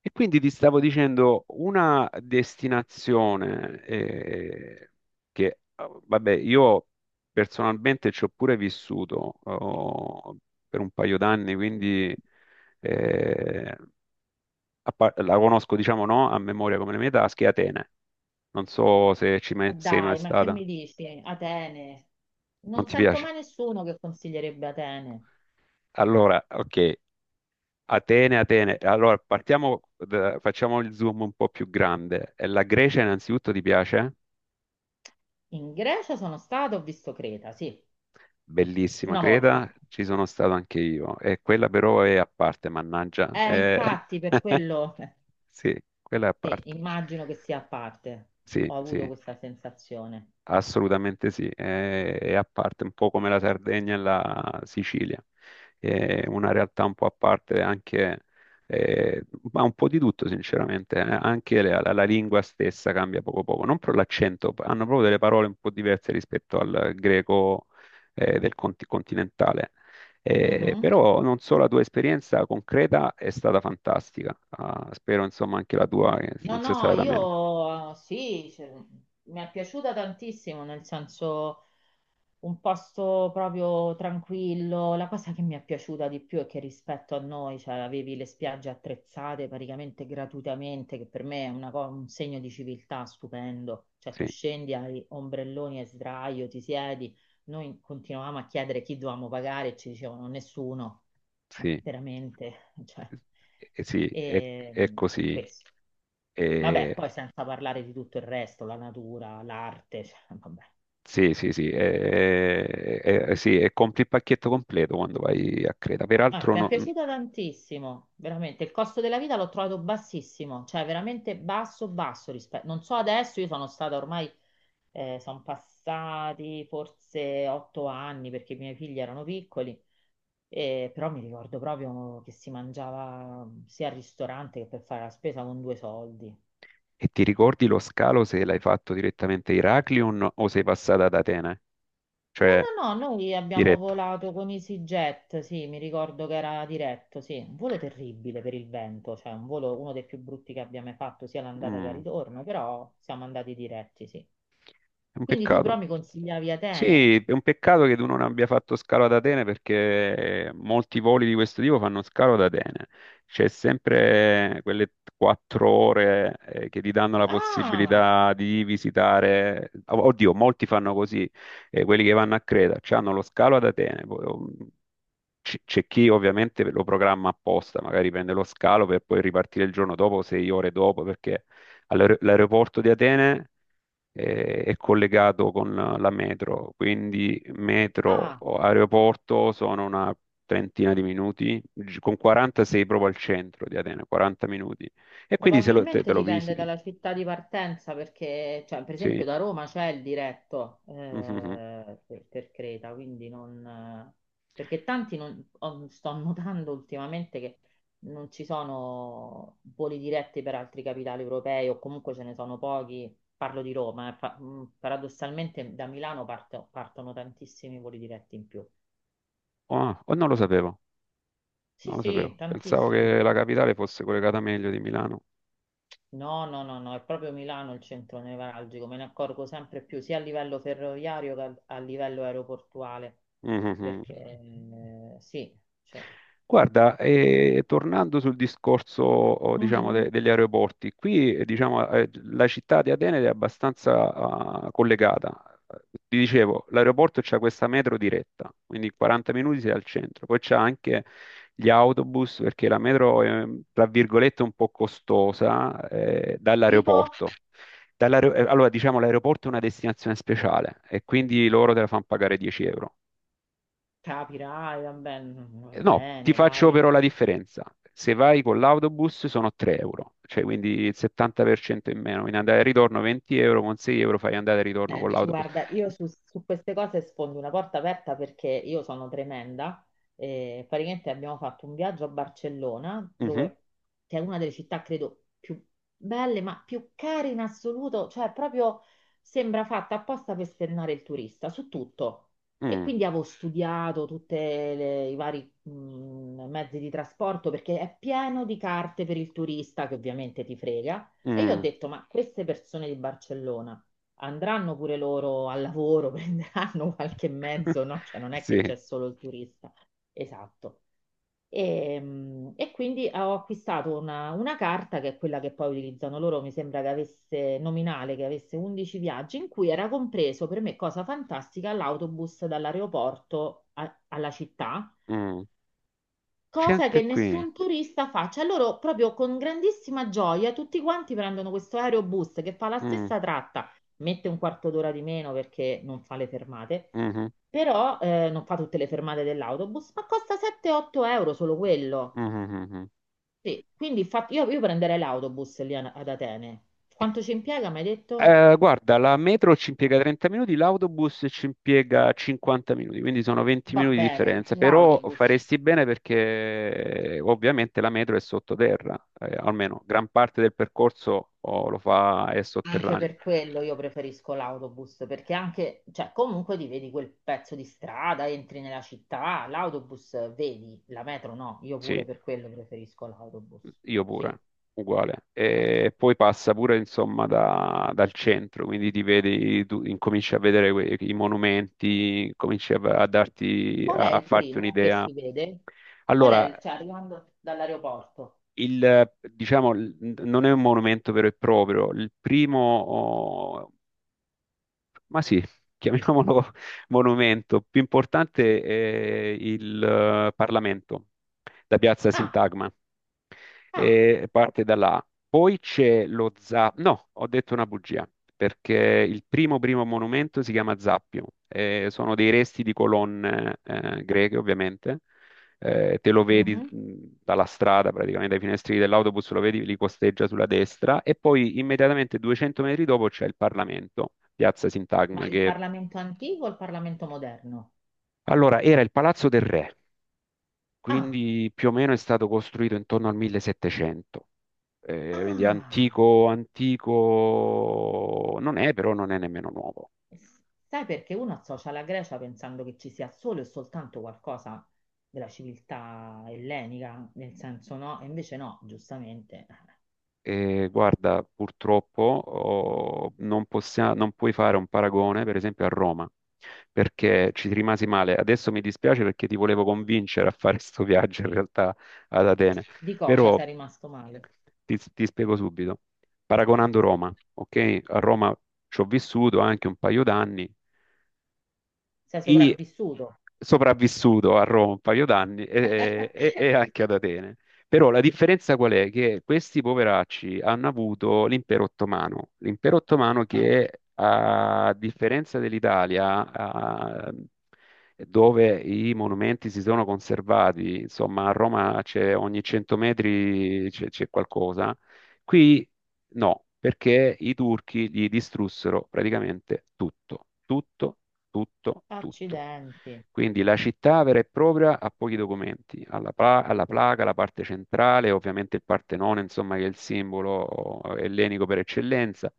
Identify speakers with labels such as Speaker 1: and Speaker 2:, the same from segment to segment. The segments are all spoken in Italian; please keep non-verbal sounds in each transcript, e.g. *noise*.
Speaker 1: E quindi ti stavo dicendo una destinazione che, vabbè, io personalmente ci ho pure vissuto oh, per un paio d'anni, quindi eh, la conosco, diciamo, no, a memoria come le mie tasche: Atene. Non so se ci
Speaker 2: Ma
Speaker 1: sei mai
Speaker 2: dai, ma che
Speaker 1: stata,
Speaker 2: mi dici? Atene.
Speaker 1: non
Speaker 2: Non
Speaker 1: ti
Speaker 2: sento
Speaker 1: piace?
Speaker 2: mai nessuno che consiglierebbe Atene.
Speaker 1: Allora, ok, Atene, Atene. Allora, partiamo, facciamo il zoom un po' più grande. La Grecia innanzitutto ti piace?
Speaker 2: In Grecia sono stato, ho visto Creta, sì,
Speaker 1: Bellissima,
Speaker 2: una
Speaker 1: creda,
Speaker 2: volta.
Speaker 1: ci sono stato anche io. E quella però è a parte, mannaggia.
Speaker 2: Infatti, per
Speaker 1: *laughs*
Speaker 2: quello,
Speaker 1: Sì, quella è a
Speaker 2: sì,
Speaker 1: parte.
Speaker 2: immagino che sia a parte.
Speaker 1: Sì,
Speaker 2: Ho
Speaker 1: sì.
Speaker 2: avuto questa sensazione.
Speaker 1: Assolutamente sì, è a parte, un po' come la Sardegna e la Sicilia, è una realtà un po' a parte anche, eh, ma un po' di tutto sinceramente, anche la, la lingua stessa cambia poco poco, non per l'accento, hanno proprio delle parole un po' diverse rispetto al greco, del continentale.
Speaker 2: Mhm.
Speaker 1: Però non so, la tua esperienza concreta è stata fantastica. Ah, spero insomma anche la tua
Speaker 2: No,
Speaker 1: non sia
Speaker 2: no,
Speaker 1: stata da meno.
Speaker 2: io sì, cioè, mi è piaciuta tantissimo, nel senso un posto proprio tranquillo. La cosa che mi è piaciuta di più è che rispetto a noi, cioè, avevi le spiagge attrezzate praticamente gratuitamente, che per me è un segno di civiltà stupendo. Cioè, tu
Speaker 1: Sì,
Speaker 2: scendi, hai ombrelloni e sdraio, ti siedi. Noi continuavamo a chiedere chi dovevamo pagare e ci dicevano nessuno, ma
Speaker 1: sì.
Speaker 2: veramente, *laughs* cioè,
Speaker 1: Sì,
Speaker 2: e
Speaker 1: è così.
Speaker 2: questo. Vabbè,
Speaker 1: Eh,
Speaker 2: poi senza parlare di tutto il resto, la natura, l'arte, cioè, vabbè.
Speaker 1: sì, sì, sì, sì, e compri il pacchetto completo quando vai a Creta.
Speaker 2: Ah,
Speaker 1: Peraltro,
Speaker 2: mi è piaciuta tantissimo, veramente. Il costo della vita l'ho trovato bassissimo, cioè veramente basso, basso rispetto. Non so adesso, io sono stata ormai, sono passati forse otto anni perché i miei figli erano piccoli, però mi ricordo proprio che si mangiava sia al ristorante che per fare la spesa con due soldi.
Speaker 1: e ti ricordi lo scalo se l'hai fatto direttamente a Heraklion o sei passata ad Atene?
Speaker 2: No,
Speaker 1: Cioè,
Speaker 2: no, no, noi abbiamo
Speaker 1: diretto.
Speaker 2: volato con EasyJet, sì, mi ricordo che era diretto, sì, un volo terribile per il vento, cioè un volo uno dei più brutti che abbia mai fatto, sia l'andata che il
Speaker 1: Mm,
Speaker 2: ritorno, però siamo andati diretti, sì.
Speaker 1: è un
Speaker 2: Quindi tu però
Speaker 1: peccato.
Speaker 2: mi consigliavi Atene.
Speaker 1: Sì, è un peccato che tu non abbia fatto scalo ad Atene perché molti voli di questo tipo fanno scalo ad Atene. C'è sempre quelle 4 ore che ti danno la
Speaker 2: Ah,
Speaker 1: possibilità di visitare. Oddio, molti fanno così, quelli che vanno a Creta, hanno lo scalo ad Atene. Poi, c'è chi ovviamente lo programma apposta, magari prende lo scalo per poi ripartire il giorno dopo, 6 ore dopo, perché all'aeroporto di Atene è collegato con la metro, quindi metro
Speaker 2: ah.
Speaker 1: o aeroporto sono una trentina di minuti, con 40 sei proprio al centro di Atene, 40 minuti. E quindi se te
Speaker 2: Probabilmente
Speaker 1: lo
Speaker 2: dipende
Speaker 1: visiti,
Speaker 2: dalla città di partenza perché, cioè, per
Speaker 1: sì.
Speaker 2: esempio, da Roma c'è il diretto
Speaker 1: Mhm.
Speaker 2: per Creta, quindi non... perché tanti non... sto notando ultimamente che non ci sono voli diretti per altri capitali europei o comunque ce ne sono pochi. Parlo di Roma, paradossalmente da Milano partono tantissimi voli diretti in più.
Speaker 1: Ah, oh, non lo sapevo,
Speaker 2: Sì,
Speaker 1: non lo
Speaker 2: sì,
Speaker 1: sapevo. Pensavo
Speaker 2: tantissimi.
Speaker 1: che la capitale fosse collegata meglio di Milano.
Speaker 2: No, no, no, no, è proprio Milano il centro nevralgico, me ne accorgo sempre più sia a livello ferroviario che a, a livello aeroportuale,
Speaker 1: Mhm.
Speaker 2: perché sì, cioè,
Speaker 1: Guarda, tornando sul discorso, oh, diciamo,
Speaker 2: mhm.
Speaker 1: degli aeroporti, qui, diciamo, la città di Atene è abbastanza, ah, collegata. Ti dicevo, l'aeroporto c'ha questa metro diretta, quindi in 40 minuti sei al centro. Poi c'è anche gli autobus, perché la metro è, tra virgolette, un po' costosa,
Speaker 2: Tipo,
Speaker 1: dall'aeroporto. Allora, diciamo, l'aeroporto è una destinazione speciale e quindi loro te la fanno pagare 10 euro.
Speaker 2: capirai, va
Speaker 1: No, ti
Speaker 2: bene,
Speaker 1: faccio
Speaker 2: dai.
Speaker 1: però la differenza. Se vai con l'autobus sono 3 euro, cioè quindi il 70% in meno. In andata e ritorno 20 euro, con 6 euro fai andata e ritorno con
Speaker 2: Senti,
Speaker 1: l'autobus.
Speaker 2: guarda, io su, su queste cose sfondo una porta aperta perché io sono tremenda. Praticamente abbiamo fatto un viaggio a Barcellona,
Speaker 1: Mhm,
Speaker 2: dove, che è una delle città, credo, più belle, ma più care in assoluto. Cioè, proprio sembra fatta apposta per spennare il turista su tutto. E
Speaker 1: mm,
Speaker 2: quindi avevo studiato tutti i vari mezzi di trasporto perché è pieno di carte per il turista che ovviamente ti frega. E io ho
Speaker 1: mm,
Speaker 2: detto, ma queste persone di Barcellona andranno pure loro al lavoro, *laughs* prenderanno qualche mezzo, no? Cioè non è che
Speaker 1: sì,
Speaker 2: c'è solo il turista. Esatto. E, e quindi ho acquistato una carta che è quella che poi utilizzano loro, mi sembra che avesse nominale, che avesse 11 viaggi, in cui era compreso per me, cosa fantastica, l'autobus alla città,
Speaker 1: mm. C'è
Speaker 2: cosa
Speaker 1: anche
Speaker 2: che
Speaker 1: qui.
Speaker 2: nessun turista fa. Cioè loro proprio con grandissima gioia tutti quanti prendono questo aerobus che fa la
Speaker 1: Mm,
Speaker 2: stessa tratta, mette un quarto d'ora di meno perché non fa le fermate,
Speaker 1: mhm,
Speaker 2: però non fa tutte le fermate dell'autobus, ma costa 7-8 euro solo quello.
Speaker 1: mhm, mhm, mhm.
Speaker 2: Sì, quindi io prenderei l'autobus ad Atene. Quanto ci impiega, mi hai detto?
Speaker 1: Guarda, la metro ci impiega 30 minuti, l'autobus ci impiega 50 minuti, quindi sono 20
Speaker 2: Va
Speaker 1: minuti di
Speaker 2: bene,
Speaker 1: differenza, però
Speaker 2: l'autobus.
Speaker 1: faresti bene perché ovviamente la metro è sottoterra, almeno gran parte del percorso oh, lo fa, è
Speaker 2: Anche
Speaker 1: sotterraneo.
Speaker 2: per quello io preferisco l'autobus, perché anche, cioè comunque ti vedi quel pezzo di strada, entri nella città, l'autobus vedi, la metro no, io
Speaker 1: Sì,
Speaker 2: pure per quello preferisco l'autobus.
Speaker 1: io
Speaker 2: Sì.
Speaker 1: pure, uguale.
Speaker 2: Eh,
Speaker 1: E poi passa pure insomma dal centro, quindi ti vedi, tu incominci a vedere i monumenti, cominci a darti,
Speaker 2: Qual
Speaker 1: a
Speaker 2: è
Speaker 1: a
Speaker 2: il
Speaker 1: farti
Speaker 2: primo che
Speaker 1: un'idea.
Speaker 2: si vede? Qual è
Speaker 1: Allora,
Speaker 2: il, cioè arrivando dall'aeroporto?
Speaker 1: il, diciamo, non è un monumento vero e proprio. Il primo, oh, ma sì, chiamiamolo *laughs* monumento, più importante è il Parlamento, la Piazza
Speaker 2: Ah,
Speaker 1: Sintagma,
Speaker 2: ah,
Speaker 1: e parte da là. Poi c'è lo Zappio, no, ho detto una bugia, perché il primo primo monumento si chiama Zappio, sono dei resti di colonne greche ovviamente. Te lo vedi
Speaker 2: mhm.
Speaker 1: dalla strada, praticamente dai finestrini dell'autobus, lo vedi, li costeggia sulla destra e poi immediatamente 200 metri dopo c'è il Parlamento, Piazza
Speaker 2: Ma
Speaker 1: Sintagma,
Speaker 2: il
Speaker 1: che
Speaker 2: Parlamento antico o il Parlamento moderno?
Speaker 1: allora era il Palazzo del Re,
Speaker 2: Ah,
Speaker 1: quindi più o meno è stato costruito intorno al 1700. Quindi
Speaker 2: ah.
Speaker 1: antico, antico non è, però non è nemmeno nuovo.
Speaker 2: Sai perché uno associa la Grecia pensando che ci sia solo e soltanto qualcosa della civiltà ellenica, nel senso no, e invece no, giustamente. *laughs*
Speaker 1: E guarda, purtroppo oh, non non puoi fare un paragone, per esempio, a Roma, perché ci rimasi male. Adesso mi dispiace perché ti volevo convincere a fare *laughs* questo viaggio in realtà ad Atene,
Speaker 2: Di cosa
Speaker 1: però
Speaker 2: sei rimasto male?
Speaker 1: ti spiego subito. Paragonando Roma, ok? A Roma ci ho vissuto anche un paio d'anni.
Speaker 2: Sei
Speaker 1: E
Speaker 2: sopravvissuto?
Speaker 1: sopravvissuto a Roma un paio d'anni e
Speaker 2: *laughs*
Speaker 1: anche ad Atene. Però la differenza qual è? Che questi poveracci hanno avuto l'impero ottomano
Speaker 2: Eh,
Speaker 1: che a differenza dell'Italia, dove i monumenti si sono conservati, insomma a Roma c'è ogni 100 metri c'è qualcosa, qui no, perché i turchi gli distrussero praticamente tutto, tutto, tutto, tutto.
Speaker 2: Accidenti,
Speaker 1: Quindi la città vera e propria ha pochi documenti, alla placa, la parte centrale, ovviamente il Partenone, insomma, che è il simbolo ellenico per eccellenza,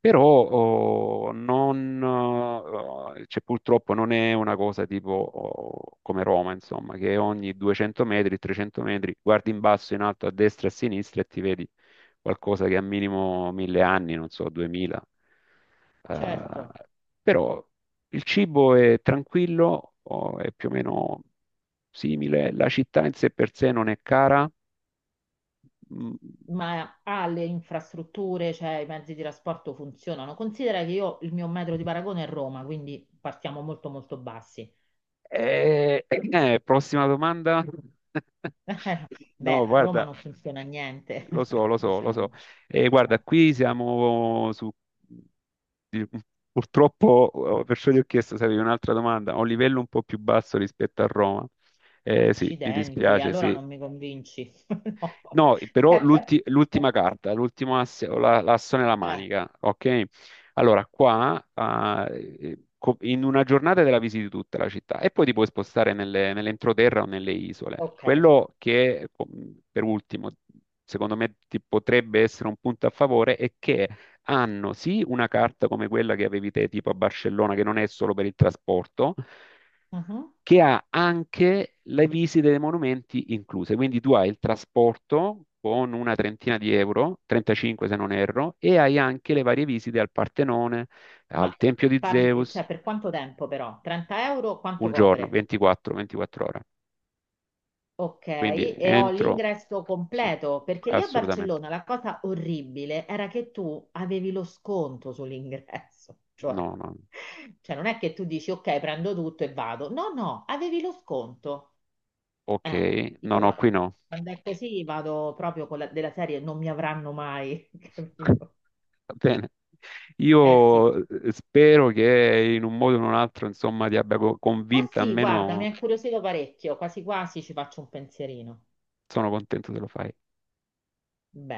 Speaker 1: però oh, non, cioè, purtroppo non è una cosa tipo oh, come Roma, insomma, che ogni 200 metri, 300 metri, guardi in basso, in alto, a destra, a sinistra e ti vedi qualcosa che ha minimo mille anni, non so, 2000. Eh,
Speaker 2: certo.
Speaker 1: però il cibo è tranquillo, o è più o meno simile, la città in sé per sé non è cara. Mm,
Speaker 2: Ma ha le infrastrutture, cioè i mezzi di trasporto funzionano. Considera che io il mio metro di paragone è Roma, quindi partiamo molto molto bassi.
Speaker 1: prossima domanda. *laughs*
Speaker 2: *laughs* Beh,
Speaker 1: No,
Speaker 2: a Roma
Speaker 1: guarda,
Speaker 2: non funziona niente,
Speaker 1: lo so,
Speaker 2: *laughs*
Speaker 1: lo so, lo so.
Speaker 2: diciamo.
Speaker 1: Guarda,
Speaker 2: Eh.
Speaker 1: qui siamo su... di- purtroppo, perciò gli ho chiesto se avevi un'altra domanda, a un livello un po' più basso rispetto a Roma. Sì, mi
Speaker 2: Accidenti,
Speaker 1: dispiace,
Speaker 2: allora
Speaker 1: sì.
Speaker 2: non mi convinci. *laughs* No.
Speaker 1: No, però
Speaker 2: Beh,
Speaker 1: l'ultima
Speaker 2: eh,
Speaker 1: carta, l'ultimo asse, o l'asso nella
Speaker 2: eh,
Speaker 1: manica, ok? Allora, qua, ah, in una giornata te la visiti tutta la città e poi ti puoi spostare nell'entroterra o nelle isole.
Speaker 2: ok.
Speaker 1: Quello che, per ultimo, secondo me ti potrebbe essere un punto a favore è che hanno sì una carta come quella che avevi te, tipo a Barcellona, che non è solo per il trasporto,
Speaker 2: Mhm.
Speaker 1: che ha anche le visite dei monumenti incluse. Quindi tu hai il trasporto con una trentina di euro, 35 se non erro, e hai anche le varie visite al Partenone,
Speaker 2: Ma
Speaker 1: al Tempio di Zeus,
Speaker 2: cioè, per quanto tempo però? 30 euro quanto
Speaker 1: un giorno,
Speaker 2: copre?
Speaker 1: 24, 24 ore.
Speaker 2: Ok,
Speaker 1: Quindi
Speaker 2: e ho
Speaker 1: entro,
Speaker 2: l'ingresso
Speaker 1: sì,
Speaker 2: completo, perché lì a
Speaker 1: assolutamente.
Speaker 2: Barcellona la cosa orribile era che tu avevi lo sconto sull'ingresso, *laughs* cioè,
Speaker 1: No, no,
Speaker 2: cioè non è che tu dici ok, prendo tutto e vado. No, no, avevi lo sconto.
Speaker 1: ok,
Speaker 2: Eh,
Speaker 1: no,
Speaker 2: io
Speaker 1: no, qui no.
Speaker 2: quando è così vado proprio con la, della serie, non mi avranno mai, *laughs*
Speaker 1: *laughs*
Speaker 2: capito?
Speaker 1: Va bene.
Speaker 2: Eh
Speaker 1: Io
Speaker 2: sì,
Speaker 1: spero che in un modo o in un altro, insomma, ti abbia
Speaker 2: ma
Speaker 1: convinta,
Speaker 2: sì, guarda, mi
Speaker 1: almeno
Speaker 2: ha incuriosito parecchio, quasi quasi ci faccio un pensierino.
Speaker 1: sono contento se lo fai.
Speaker 2: Bene.